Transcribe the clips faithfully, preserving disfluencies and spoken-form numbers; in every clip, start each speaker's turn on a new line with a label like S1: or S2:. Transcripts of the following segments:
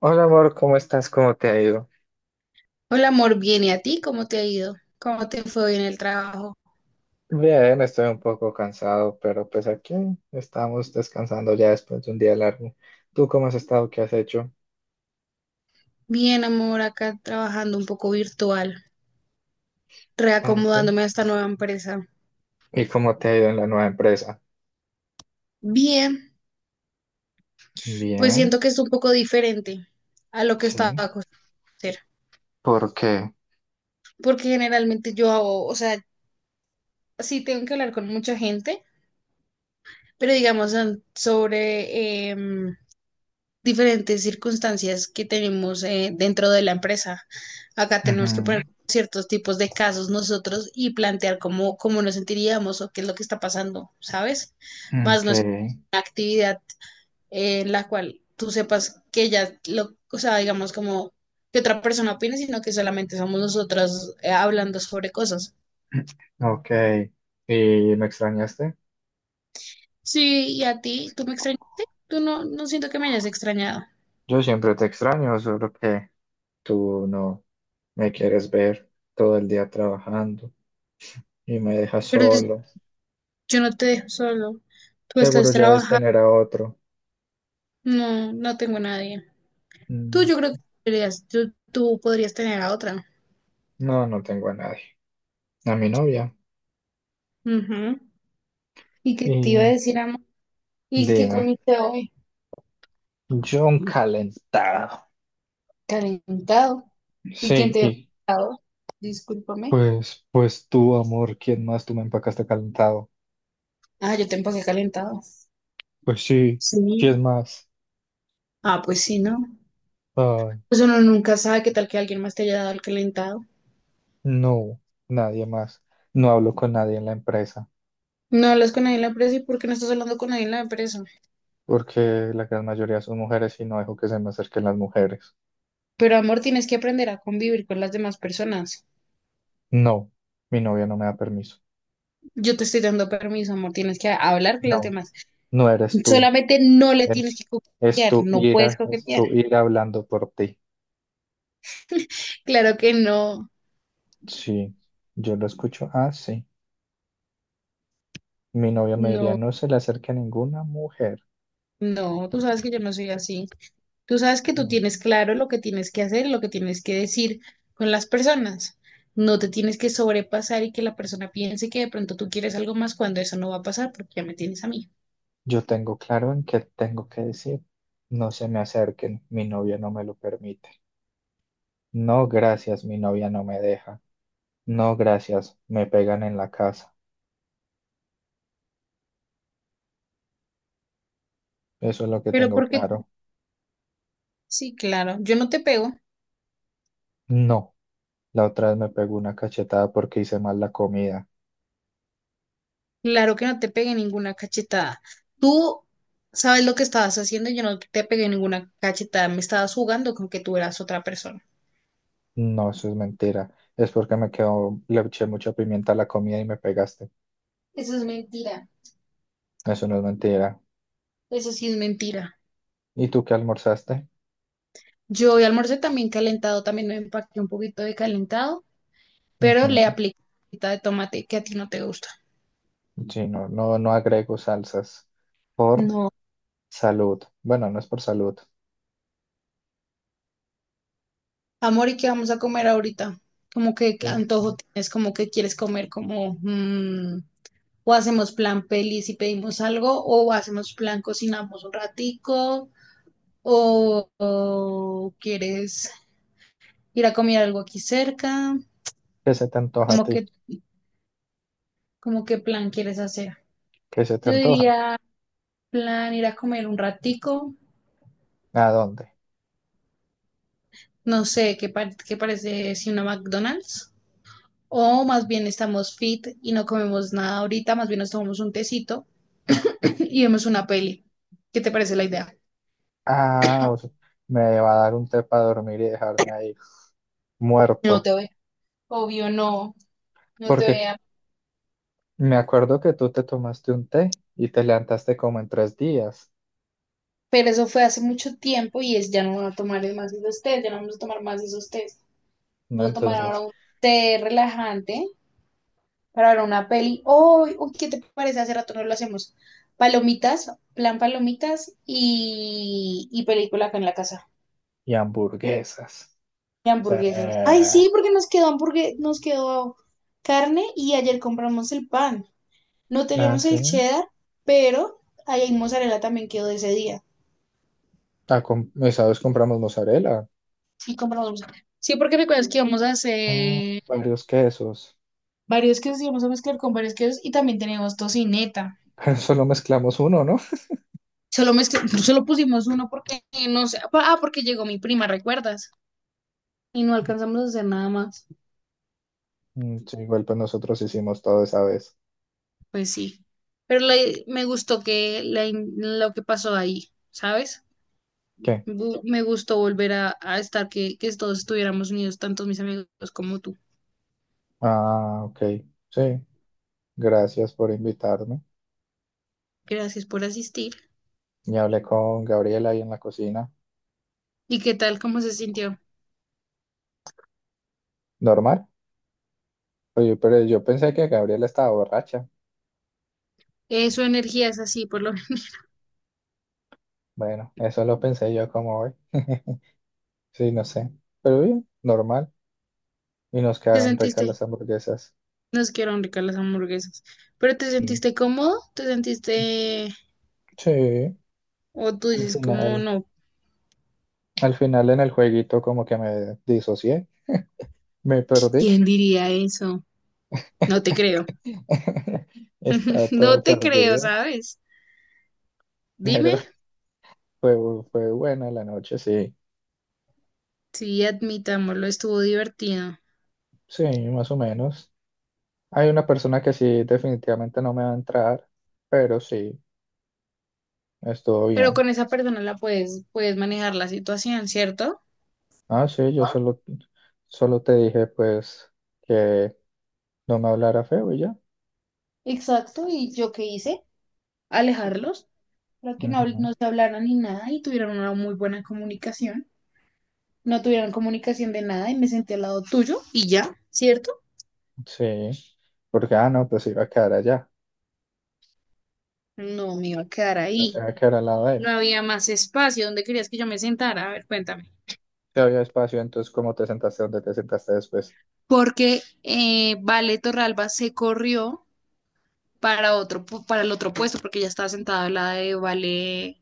S1: Hola amor, ¿cómo estás? ¿Cómo te ha ido?
S2: Hola amor, bien, ¿y a ti? ¿Cómo te ha ido? ¿Cómo te fue hoy en el trabajo?
S1: Bien, estoy un poco cansado, pero pues aquí estamos descansando ya después de un día largo. ¿Tú cómo has estado? ¿Qué has hecho?
S2: Bien, amor, acá trabajando un poco virtual,
S1: Ah, sí.
S2: reacomodándome a esta nueva empresa.
S1: ¿Y cómo te ha ido en la nueva empresa?
S2: Bien, pues
S1: Bien,
S2: siento que es un poco diferente a lo que estaba
S1: sí.
S2: acostumbrada a hacer,
S1: ¿Por qué?
S2: porque generalmente yo hago, o sea, sí tengo que hablar con mucha gente, pero digamos an- sobre, em, diferentes circunstancias que tenemos eh, dentro de la empresa. Acá tenemos que poner
S1: Ujú.
S2: ciertos tipos de casos nosotros y plantear cómo, cómo nos sentiríamos o qué es lo que está pasando, ¿sabes? Más
S1: Ok.
S2: no es una actividad eh, en la cual tú sepas que ya, lo, o sea, digamos como que otra persona opine, sino que solamente somos nosotros eh, hablando sobre cosas.
S1: Ok. ¿Y me extrañaste?
S2: Sí, ¿y a ti? Tú me extrañaste, tú no, no siento que me hayas extrañado,
S1: Yo siempre te extraño, solo que tú no me quieres ver todo el día trabajando y me dejas
S2: pero
S1: solo.
S2: yo no te dejo solo, tú estás
S1: Seguro ya debes
S2: trabajando.
S1: tener a otro.
S2: No, no tengo nadie. Tú,
S1: Mm,
S2: yo creo que podrías, tú, tú podrías tener a otra.
S1: No, no tengo a nadie. A mi novia.
S2: Ujú. ¿Y qué te iba a
S1: Y
S2: decir, amor? ¿Y qué
S1: dime,
S2: comiste hoy?
S1: John calentado.
S2: Calentado. ¿Y quién
S1: Sí,
S2: te dio
S1: y
S2: calentado? Discúlpame.
S1: pues, pues tú, amor, ¿quién más? Tú me empacaste calentado.
S2: Ah, yo te empaqué calentado.
S1: Pues sí, ¿quién
S2: Sí.
S1: más?
S2: Ah, pues sí, ¿no?
S1: Ay,
S2: Pues uno nunca sabe qué tal que alguien más te haya dado el calentado.
S1: no, nadie más. No hablo con nadie en la empresa,
S2: No hablas con nadie en la empresa, y por qué no estás hablando con nadie en la empresa.
S1: porque la gran mayoría son mujeres y no dejo que se me acerquen las mujeres.
S2: Pero amor, tienes que aprender a convivir con las demás personas.
S1: No, mi novia no me da permiso.
S2: Yo te estoy dando permiso, amor, tienes que hablar con las
S1: No,
S2: demás.
S1: no eres tú.
S2: Solamente no le tienes
S1: Es,
S2: que
S1: es
S2: coquetear,
S1: tu
S2: no puedes
S1: ira, es
S2: coquetear.
S1: tu ira hablando por ti.
S2: Claro que no.
S1: Sí, yo lo escucho así. Mi novia me diría,
S2: No,
S1: no se le acerque a ninguna mujer.
S2: no, tú sabes que yo no soy así. Tú sabes que tú
S1: No.
S2: tienes claro lo que tienes que hacer, lo que tienes que decir con las personas. No te tienes que sobrepasar y que la persona piense que de pronto tú quieres algo más cuando eso no va a pasar porque ya me tienes a mí.
S1: Yo tengo claro en qué tengo que decir. No se me acerquen, mi novia no me lo permite. No, gracias, mi novia no me deja. No, gracias, me pegan en la casa. Eso es lo que
S2: Pero
S1: tengo
S2: porque, tú-
S1: claro.
S2: sí, claro, yo no te pego.
S1: No, la otra vez me pegó una cachetada porque hice mal la comida.
S2: Claro que no te pegué ninguna cachetada. Tú sabes lo que estabas haciendo y yo no te pegué ninguna cachetada. Me estabas jugando con que tú eras otra persona.
S1: No, eso es mentira. Es porque me quedó, le eché mucha pimienta a la comida y me pegaste.
S2: Eso es mentira.
S1: Eso no es mentira.
S2: Eso sí es mentira.
S1: ¿Y tú qué almorzaste?
S2: Yo hoy almorcé también calentado, también me empaqué un poquito de calentado, pero le
S1: Ujú.
S2: apliqué salsita de tomate que a ti no te gusta.
S1: Sí, no, no, no agrego salsas por
S2: No.
S1: salud. Bueno, no es por salud.
S2: Amor, ¿y qué vamos a comer ahorita? Como que
S1: Eh,
S2: antojo tienes, como que quieres comer, como mm, o hacemos plan pelis y pedimos algo, o hacemos plan cocinamos un ratico, o, o quieres ir a comer algo aquí cerca,
S1: ¿Qué se te antoja a
S2: como
S1: ti?
S2: que, como qué plan quieres hacer.
S1: ¿Qué se te
S2: Yo
S1: antoja?
S2: diría plan ir a comer un ratico,
S1: ¿A dónde?
S2: no sé, ¿qué, par- ¿qué parece si una McDonald's? O más bien estamos fit y no comemos nada ahorita, más bien nos tomamos un tecito y vemos una peli. ¿Qué te parece la idea?
S1: Ah, o sea, me va a dar un té para dormir y dejarme ahí
S2: No
S1: muerto.
S2: te veo. Obvio, no, no te
S1: Porque
S2: vea.
S1: me acuerdo que tú te tomaste un té y te levantaste como en tres días,
S2: Pero eso fue hace mucho tiempo y es ya no van a tomar más esos tés, ya no vamos a tomar más esos tés.
S1: ¿no?
S2: Vamos a tomar ahora
S1: Entonces,
S2: un té relajante para ver una peli. Uy, uy, ¿qué te parece? Hace rato no lo hacemos. Palomitas, plan palomitas y, y película acá en la casa.
S1: y hamburguesas.
S2: Y
S1: O sea,
S2: hamburguesas. Ay,
S1: eh,
S2: sí, porque nos quedó hamburgue- nos quedó carne y ayer compramos el pan. No
S1: ah,
S2: teníamos
S1: sí.
S2: el cheddar, pero ahí hay mozzarella también quedó de ese día.
S1: Ah, com- esa vez compramos mozzarella,
S2: Sí, compramos mozzarella. Sí, porque recuerdas que íbamos a
S1: ah,
S2: hacer
S1: varios quesos.
S2: varios quesos, íbamos a mezclar con varios quesos y también teníamos tocineta.
S1: Pero solo mezclamos uno, ¿no?
S2: Solo, mezcl- solo pusimos uno porque no sé. Ah, porque llegó mi prima, ¿recuerdas? Y no alcanzamos a hacer nada más,
S1: Mm. Sí, igual pues nosotros hicimos todo esa vez.
S2: pues sí. Pero la- me gustó que la in- lo que pasó ahí, ¿sabes?
S1: ¿Qué?
S2: Bu- Me gustó volver a, a estar, que, que todos estuviéramos unidos, tanto mis amigos como tú.
S1: Ah, ok. Sí, gracias por invitarme.
S2: Gracias por asistir.
S1: Y hablé con Gabriela ahí en la cocina.
S2: ¿Y qué tal? ¿Cómo se sintió?
S1: ¿Normal? Oye, pero yo pensé que Gabriela estaba borracha.
S2: Eh, su energía es así, por lo menos.
S1: Bueno, eso lo pensé yo como hoy. Sí, no sé. Pero bien, normal. Y nos
S2: ¿Te
S1: quedaron ricas
S2: sentiste?
S1: las hamburguesas.
S2: No es que eran ricas las hamburguesas, pero ¿te
S1: Sí.
S2: sentiste cómodo? ¿Te sentiste...
S1: Sí,
S2: o tú
S1: al
S2: dices, como
S1: final,
S2: no?
S1: al final en el jueguito como que me disocié, me perdí.
S2: ¿Quién diría eso? No te creo.
S1: Estaba
S2: No
S1: todo
S2: te creo,
S1: perdido,
S2: ¿sabes?
S1: pero
S2: Dime.
S1: Fue, fue buena la noche, sí.
S2: Sí, admitámoslo, estuvo divertido.
S1: Sí, más o menos. Hay una persona que sí, definitivamente no me va a entrar, pero sí, estuvo
S2: Pero
S1: bien.
S2: con esa persona la puedes, puedes manejar la situación, ¿cierto?
S1: Ah, sí, yo solo, solo te dije, pues, que no me hablara feo y ya.
S2: Exacto, ¿y yo qué hice? Alejarlos. Para que no, habl-
S1: Ujú.
S2: no se hablaran ni nada y tuvieran una muy buena comunicación. No tuvieran comunicación de nada y me senté al lado tuyo y ya, ¿cierto?
S1: Sí, porque, ah, no, pues iba a quedar allá.
S2: No me iba a quedar
S1: Pues
S2: ahí.
S1: iba a quedar al lado de él.
S2: No había más espacio. ¿Dónde querías que yo me sentara? A ver, cuéntame.
S1: Si había espacio, entonces, ¿cómo te sentaste? ¿Dónde te sentaste después?
S2: Porque eh, Vale Torralba se corrió para otro, pu- para el otro puesto, porque ya estaba sentada al lado de Vale,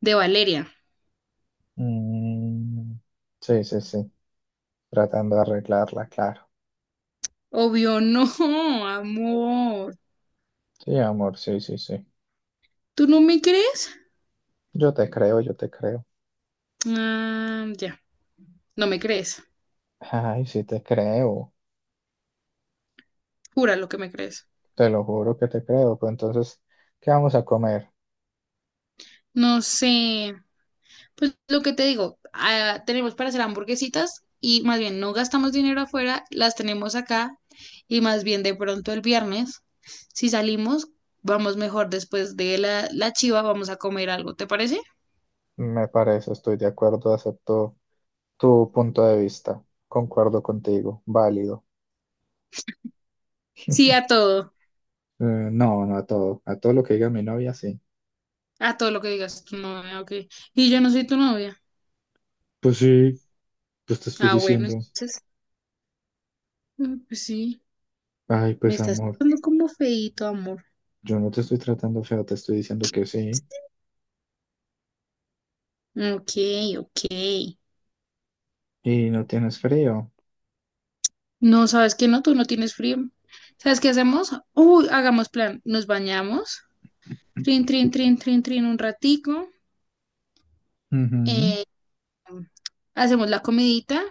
S2: de Valeria.
S1: Mm, sí, sí, sí. Tratando de arreglarla, claro.
S2: Obvio, no, amor.
S1: Sí, amor, sí, sí, sí.
S2: ¿Tú no me crees?
S1: Yo te creo, yo te creo.
S2: Ah, ya, no me crees.
S1: Ay, sí te creo,
S2: Jura lo que me crees.
S1: te lo juro que te creo. Pero entonces, ¿qué vamos a comer?
S2: No sé. Pues lo que te digo, ah, tenemos para hacer hamburguesitas y más bien no gastamos dinero afuera, las tenemos acá y más bien de pronto el viernes, si salimos, vamos mejor después de la, la chiva, vamos a comer algo, ¿te parece?
S1: Me parece, estoy de acuerdo, acepto tu punto de vista. Concuerdo contigo, válido.
S2: Sí, a todo,
S1: Eh, no, no a todo, a todo lo que diga mi novia, sí.
S2: a todo lo que digas tu novia, ok. Y yo no soy tu novia.
S1: Pues sí, pues te estoy
S2: Ah, bueno,
S1: diciendo,
S2: entonces. Mm, pues sí,
S1: ay,
S2: me
S1: pues
S2: estás
S1: amor,
S2: tratando como feíto, amor.
S1: yo no te estoy tratando feo, te estoy diciendo que sí.
S2: Ok, ok.
S1: Y no tienes frío.
S2: No, ¿sabes qué? No, tú no tienes frío. ¿Sabes qué hacemos? Uy, hagamos plan. Nos bañamos. Trin, trin, trin, trin, trin, un ratico.
S1: Ujú.
S2: eh, hacemos la comidita.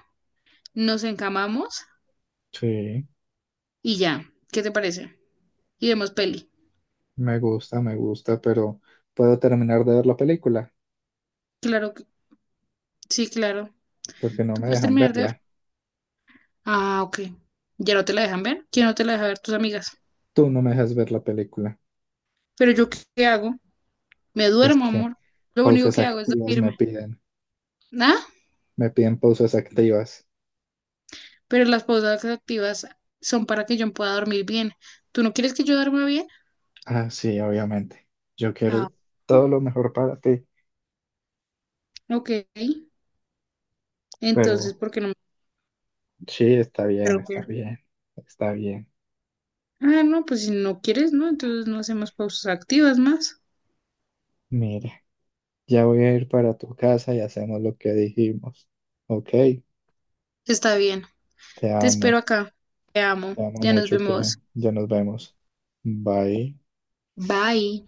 S2: Nos encamamos
S1: Sí,
S2: y ya. ¿Qué te parece? Y vemos peli.
S1: me gusta, me gusta, pero ¿puedo terminar de ver la película?
S2: Claro que sí, claro.
S1: Porque no
S2: Tú
S1: me
S2: puedes
S1: dejan
S2: terminar de ver.
S1: verla.
S2: Ah, ok. ¿Ya no te la dejan ver? ¿Quién no te la deja ver? Tus amigas.
S1: Tú no me dejas ver la película.
S2: ¿Pero yo qué qué hago? Me
S1: Pues
S2: duermo,
S1: que
S2: amor. Lo único
S1: pausas
S2: que hago es
S1: activas me
S2: dormirme.
S1: piden.
S2: ¿Ah?
S1: Me piden pausas activas.
S2: Pero las pausas activas son para que yo pueda dormir bien. ¿Tú no quieres que yo duerma bien?
S1: Ah, sí, obviamente. Yo
S2: Ah,
S1: quiero todo lo mejor para ti,
S2: ok. Entonces,
S1: pero
S2: ¿por qué no me
S1: sí, está bien,
S2: creo
S1: está
S2: que?
S1: bien, está bien.
S2: Ah, no, pues si no quieres, ¿no? Entonces no hacemos pausas activas más.
S1: Mira, ya voy a ir para tu casa y hacemos lo que dijimos. Ok,
S2: Está bien.
S1: te
S2: Te espero
S1: amo,
S2: acá. Te amo.
S1: te amo
S2: Ya nos
S1: mucho, que
S2: vemos.
S1: ya nos vemos. Bye.
S2: Bye.